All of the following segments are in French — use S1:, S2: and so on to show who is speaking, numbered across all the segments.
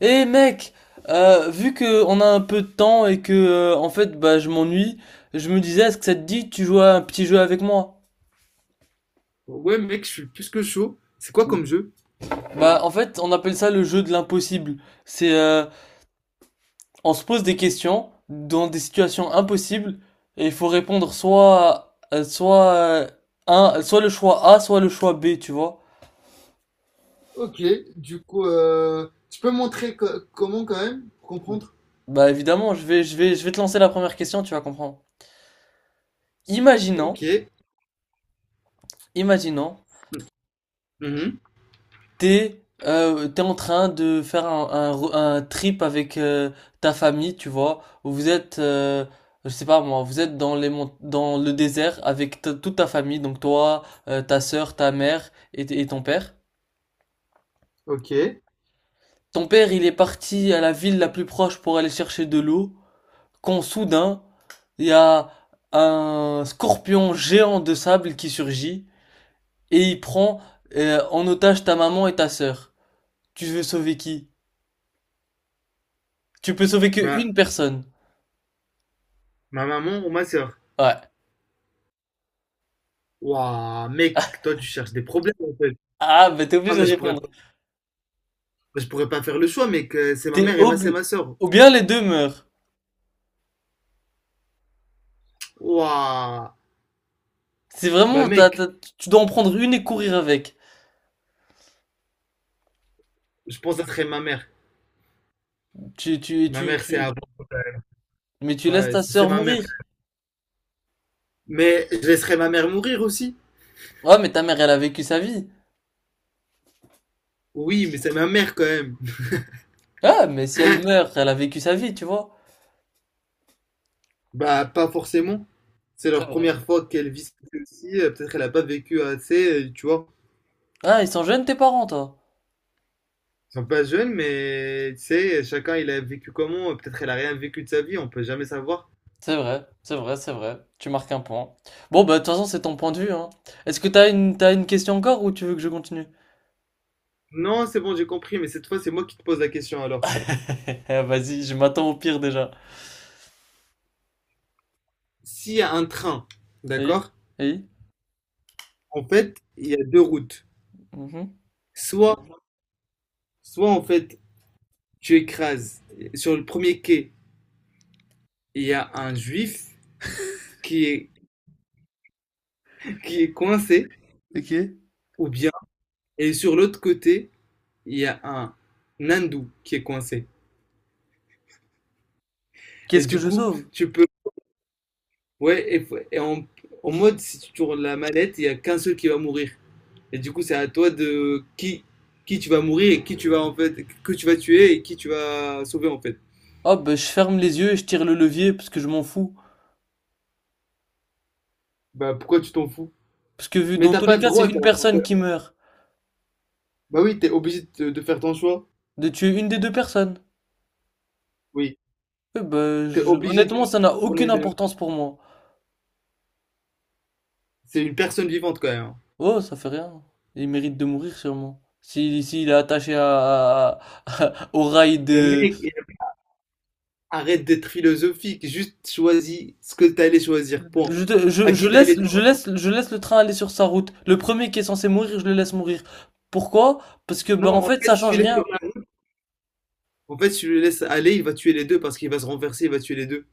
S1: Eh mec, vu que on a un peu de temps et que en fait bah je m'ennuie, je me disais est-ce que ça te dit que tu joues à un petit jeu avec moi?
S2: Ouais, mec, je suis plus que chaud. C'est quoi comme jeu?
S1: Bah en fait on appelle ça le jeu de l'impossible. C'est on se pose des questions dans des situations impossibles et il faut répondre soit un soit le choix A soit le choix B tu vois.
S2: Ok, du coup, tu peux montrer comment quand même, pour comprendre?
S1: Bah évidemment je vais te lancer la première question tu vas comprendre. Imaginons
S2: Ok.
S1: imaginons
S2: Mhm.
S1: t'es t'es en train de faire un trip avec ta famille, tu vois, où vous êtes, je sais pas moi, vous êtes dans dans le désert avec toute ta famille, donc toi, ta sœur, ta mère et ton père.
S2: Ok.
S1: Ton père, il est parti à la ville la plus proche pour aller chercher de l'eau, quand soudain, il y a un scorpion géant de sable qui surgit et il prend en otage ta maman et ta sœur. Tu veux sauver qui? Tu peux sauver que
S2: Bah,
S1: une personne.
S2: ma maman ou ma sœur.
S1: Ouais.
S2: Waouh, mec, toi, tu cherches des problèmes, en fait.
S1: Ah, bah t'es
S2: Ah,
S1: obligé de répondre.
S2: mais je pourrais pas faire le choix, mec. C'est ma
S1: T'es
S2: mère et ma,
S1: obli...
S2: c'est ma sœur.
S1: Ou bien les deux meurent.
S2: Waouh.
S1: C'est
S2: Bah,
S1: vraiment,
S2: mec,
S1: tu dois en prendre une et courir avec.
S2: je pense que ça serait ma mère.
S1: Tu, tu,
S2: Ma
S1: tu,
S2: mère, c'est
S1: tu...
S2: avant.
S1: Mais tu laisses
S2: Ouais,
S1: ta
S2: c'est
S1: sœur
S2: ma mère.
S1: mourir.
S2: Mais je laisserais ma mère mourir aussi.
S1: Ouais, mais ta mère, elle a vécu sa vie.
S2: Oui, mais c'est ma mère quand même.
S1: Ah, mais si elle meurt, elle a vécu sa vie, tu vois.
S2: Bah, pas forcément. C'est
S1: C'est
S2: leur
S1: vrai.
S2: première fois qu'elles vivent ceci. Peut-être qu'elle n'a pas vécu assez, tu vois.
S1: Ah, ils sont jeunes tes parents, toi.
S2: Ils sont pas jeunes, mais tu sais, chacun il a vécu comment. Peut-être elle a rien vécu de sa vie, on peut jamais savoir.
S1: C'est vrai. Tu marques un point. Bon, bah de toute façon, c'est ton point de vue, hein. Est-ce que t'as une question encore ou tu veux que je continue?
S2: Non, c'est bon, j'ai compris, mais cette fois, c'est moi qui te pose la question alors.
S1: Ah, vas-y, je m'attends au pire déjà.
S2: S'il y a un train,
S1: Oui?
S2: d'accord?
S1: Oui?
S2: En fait, il y a deux routes.
S1: Mhm.
S2: Soit, soit en fait, tu écrases sur le premier quai, il y a un juif qui est, qui est coincé,
S1: Ok.
S2: ou bien, et sur l'autre côté, il y a un hindou qui est coincé. Et
S1: Qu'est-ce que
S2: du
S1: je
S2: coup,
S1: sauve?
S2: tu peux. Ouais, et, et en, en mode, si tu tournes la mallette, il y a qu'un seul qui va mourir. Et du coup, c'est à toi qui tu vas mourir et qui tu vas en fait, que tu vas tuer et qui tu vas sauver en fait.
S1: Oh, ben, je ferme les yeux et je tire le levier parce que je m'en fous.
S2: Bah pourquoi tu t'en fous?
S1: Parce que vu
S2: Mais
S1: dans
S2: t'as
S1: tous les
S2: pas le
S1: cas, c'est
S2: droit.
S1: une personne qui meurt.
S2: Bah oui, t'es obligé de faire ton choix.
S1: De tuer une des deux personnes.
S2: Oui,
S1: Eh ben,
S2: t'es obligé de
S1: honnêtement, ça n'a
S2: tourner
S1: aucune importance pour moi.
S2: c'est une personne vivante quand même, hein.
S1: Oh, ça fait rien. Il mérite de mourir sûrement. Si, s'il est attaché à, au rail
S2: Mais
S1: de...
S2: mec, arrête d'être philosophique. Juste choisis ce que t'allais choisir. Point.
S1: Je
S2: À
S1: je
S2: qui t'allais
S1: laisse, je laisse, je laisse le train aller sur sa route. Le premier qui est censé mourir, je le laisse mourir. Pourquoi? Parce que, ben,
S2: Non,
S1: en
S2: en
S1: fait,
S2: fait,
S1: ça
S2: si tu
S1: change
S2: laisses
S1: rien.
S2: rien- en fait, si tu le laisses aller, il va tuer les deux parce qu'il va se renverser, il va tuer les deux.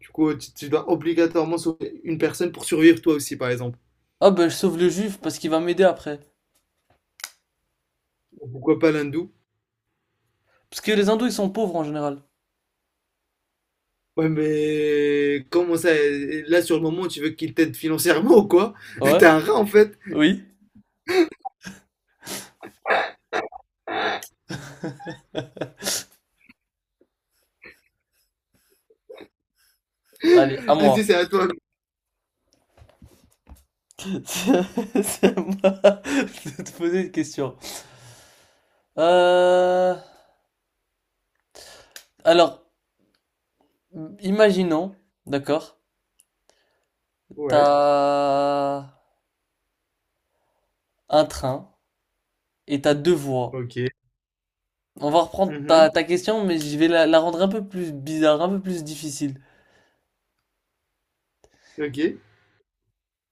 S2: Du coup, tu dois obligatoirement sauver une personne pour survivre toi aussi, par exemple.
S1: Ah, ben, je sauve le juif parce qu'il va m'aider après.
S2: Pourquoi pas l'hindou?
S1: Parce que les hindous, ils sont pauvres en général.
S2: Ouais, mais comment ça? Là, sur le moment, tu veux qu'il t'aide financièrement ou quoi?
S1: Ouais?
S2: T'es un rat, en fait.
S1: Oui? Allez, à
S2: Vas-y, c'est
S1: moi.
S2: à toi.
S1: C'est à moi de te poser une question. Euh, alors, imaginons, d'accord,
S2: Ouais,
S1: t'as un train et t'as deux voies.
S2: ok.
S1: On va reprendre
S2: Mhm,
S1: ta question, mais je vais la rendre un peu plus bizarre, un peu plus difficile.
S2: ok.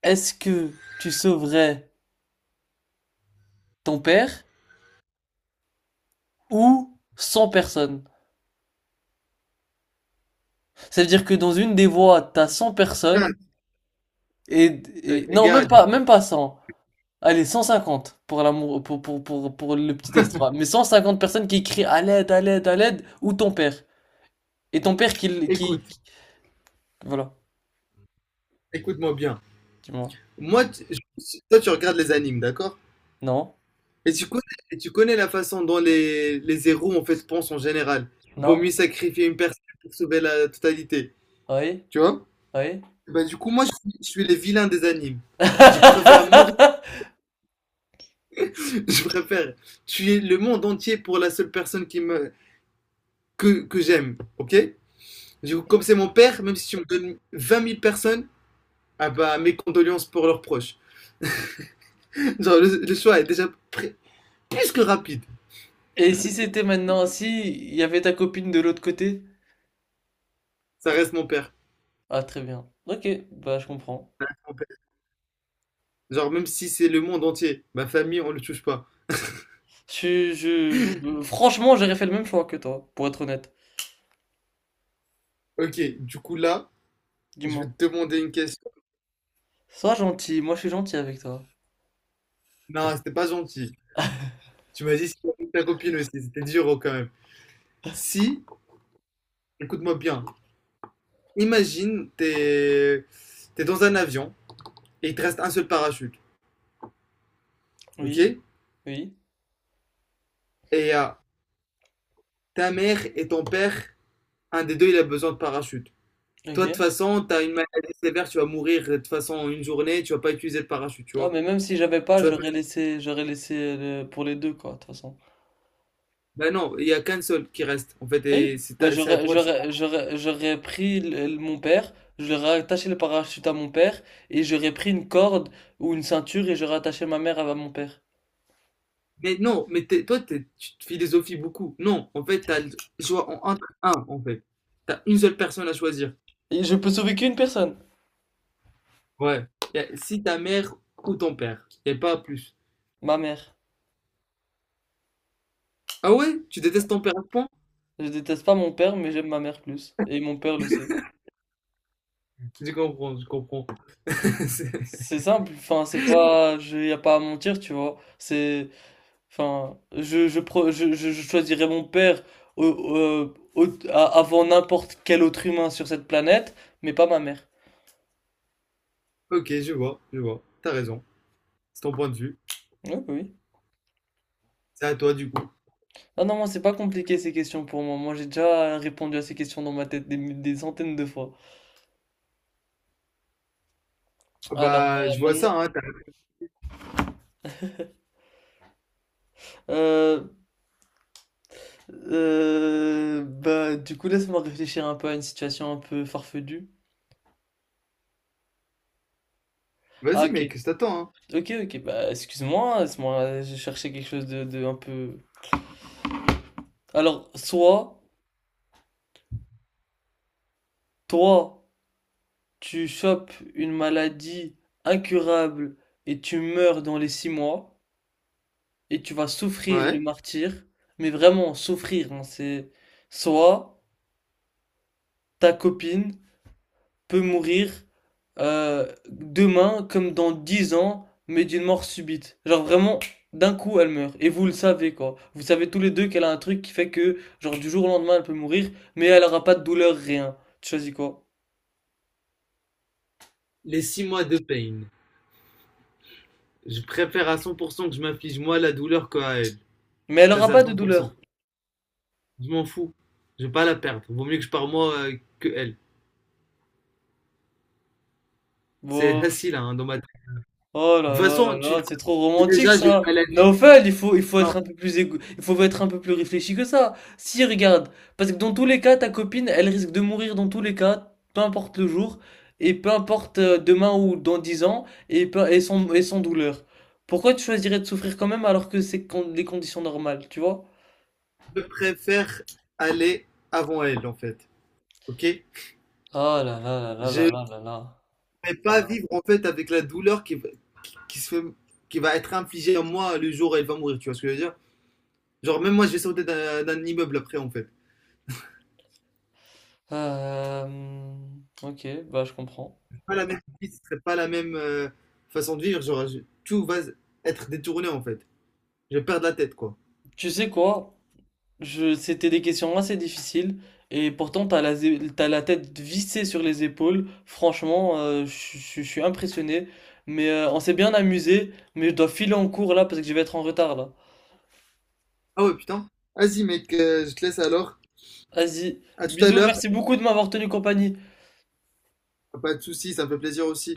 S1: Est-ce que tu sauverais ton père ou cent personnes? Ça veut dire que dans une des voies, t'as 100 personnes
S2: Regarde,
S1: non,
S2: regarde,
S1: même pas 100. Allez, 150 pour l'amour, pour le petit extra. Mais 150 personnes qui crient à l'aide, à l'aide, à l'aide, ou ton père. Et ton père qui, l-
S2: écoute,
S1: qui- voilà,
S2: écoute-moi bien.
S1: dis-moi.
S2: Toi, tu regardes les animes, d'accord?
S1: Non,
S2: Et tu connais, et tu connais la façon dont les héros en fait pensent en général. Vaut mieux
S1: non,
S2: sacrifier une personne pour sauver la totalité.
S1: oui,
S2: Tu vois?
S1: oui.
S2: Bah, du coup, moi, je suis les vilains des animes. Je préfère mourir, je préfère tuer le monde entier pour la seule personne que j'aime. Ok? Du coup, comme c'est mon père, même si tu me donnes vingt mille personnes, ah bah, mes condoléances pour leurs proches. Genre, le choix est déjà plus que rapide.
S1: Et si c'était maintenant, si il y avait ta copine de l'autre côté?
S2: Ça reste mon père.
S1: Ah, très bien. Ok, bah je comprends.
S2: Mon père. Genre, même si c'est le monde entier, ma famille, on le touche pas.
S1: Franchement, j'aurais fait le même choix que toi, pour être honnête.
S2: Ok, du coup là, je vais
S1: Dis-moi.
S2: te demander une question.
S1: Sois gentil, moi je suis gentil avec toi.
S2: Non, c'était pas gentil. Tu m'as dit c'était avec ta copine aussi, c'était dur oh, quand même. Si, écoute-moi bien, imagine, t'es dans un avion et il te reste un seul parachute, ok?
S1: Oui, oui,
S2: Et euh, ta mère et ton père, un des deux, il a besoin de parachute. Toi, de toute
S1: ok.
S2: façon, t'as une maladie sévère, tu vas mourir de toute façon en une journée, tu vas pas utiliser le parachute, tu
S1: Ah,
S2: vois?
S1: mais même si j'avais pas,
S2: Tu vas...
S1: j'aurais laissé pour les deux, quoi, de toute façon.
S2: Bah non, il y a qu'un seul qui reste, en fait,
S1: Oui,
S2: et
S1: bah,
S2: c'est à
S1: j'aurais,
S2: toi de choisir.
S1: j'aurais, j'aurais, j'aurais pris mon père, j'aurais attaché le parachute à mon père, et j'aurais pris une corde ou une ceinture et j'aurais attaché ma mère à mon père.
S2: Mais non, tu te philosophies beaucoup. Non, en fait, t'as le choix entre un, en fait. T'as une seule personne à choisir.
S1: Et je peux sauver qu'une personne,
S2: Ouais. Si ta mère ou ton père. Y a pas plus.
S1: ma mère.
S2: Ah ouais? Tu détestes ton père à ce point?
S1: Je déteste pas mon père, mais j'aime ma mère plus. Et mon père le sait.
S2: Je comprends, je comprends. C'est-
S1: C'est simple, enfin, c'est pas, il y a pas à mentir, tu vois. C'est, enfin, je, pro- je choisirais mon père avant n'importe quel autre humain sur cette planète, mais pas ma mère.
S2: Ok, je vois, je vois. T'as raison. C'est ton point de vue.
S1: Oui, oui.
S2: C'est à toi, du coup.
S1: Ah non, moi, c'est pas compliqué ces questions pour moi. Moi, j'ai déjà répondu à ces questions dans ma tête des centaines de fois.
S2: Ah
S1: Alors,
S2: bah, je vois ça,
S1: maintenant,
S2: hein. t'as-
S1: euh, bah, du coup, laisse-moi réfléchir un peu à une situation un peu farfetue. Ah,
S2: Vas-y,
S1: ok.
S2: mec, je t'attends, hein.
S1: Ok, ok, bah, excuse-moi, laisse-moi, je cherchais quelque chose de un peu. Alors, soit, toi, tu chopes une maladie incurable et tu meurs dans les six mois et tu vas souffrir le
S2: Ouais.
S1: martyre, mais vraiment souffrir, hein, c'est soit ta copine peut mourir demain comme dans dix ans, mais d'une mort subite. Genre vraiment, d'un coup elle meurt et vous le savez quoi. Vous savez tous les deux qu'elle a un truc qui fait que genre du jour au lendemain elle peut mourir, mais elle aura pas de douleur, rien. Tu choisis quoi?
S2: Les six mois de peine. Je préfère à 100% que je m'afflige moi la douleur que à elle.
S1: Mais elle
S2: Ça,
S1: aura
S2: c'est à
S1: pas de douleur.
S2: 100%. Je m'en fous. Je vais pas la perdre. Vaut mieux que je pars moi que elle. C'est
S1: Bon.
S2: facile hein, dans ma tête.
S1: Oh
S2: De
S1: là
S2: toute
S1: là là
S2: façon, tu
S1: là,
S2: le
S1: c'est trop
S2: connais
S1: romantique
S2: déjà, j'ai une
S1: ça.
S2: maladie.
S1: Naofel, il faut
S2: Non,
S1: être un peu plus il faut être un peu plus réfléchi que ça. Si, regarde, parce que dans tous les cas, ta copine, elle risque de mourir dans tous les cas, peu importe le jour, et peu importe demain ou dans 10 ans, et sans douleur. Pourquoi tu choisirais de souffrir quand même alors que les conditions normales, tu vois?
S2: je préfère aller avant elle en fait. Ok?
S1: Oh là là là là
S2: Je
S1: là
S2: ne
S1: là là là.
S2: vais pas vivre en fait avec la douleur qui se qui va être infligée à moi le jour où elle va mourir. Tu vois ce que je veux dire? Genre même moi, je vais sauter d'un immeuble après en fait.
S1: Euh, ok, bah je comprends.
S2: Pas la même vie, ce serait pas la même façon de vivre. Genre je- tout va être détourné en fait. Je vais perdre la tête quoi.
S1: Tu sais quoi? C'était des questions assez difficiles et pourtant t'as t'as la tête vissée sur les épaules. Franchement, je suis impressionné. Mais on s'est bien amusé, mais je dois filer en cours là parce que je vais être en retard là.
S2: Ah ouais, putain. Vas-y, mec, je te laisse alors.
S1: Vas-y,
S2: À tout à
S1: bisous,
S2: l'heure.
S1: merci beaucoup de m'avoir tenu compagnie.
S2: Pas de soucis, ça me fait plaisir aussi.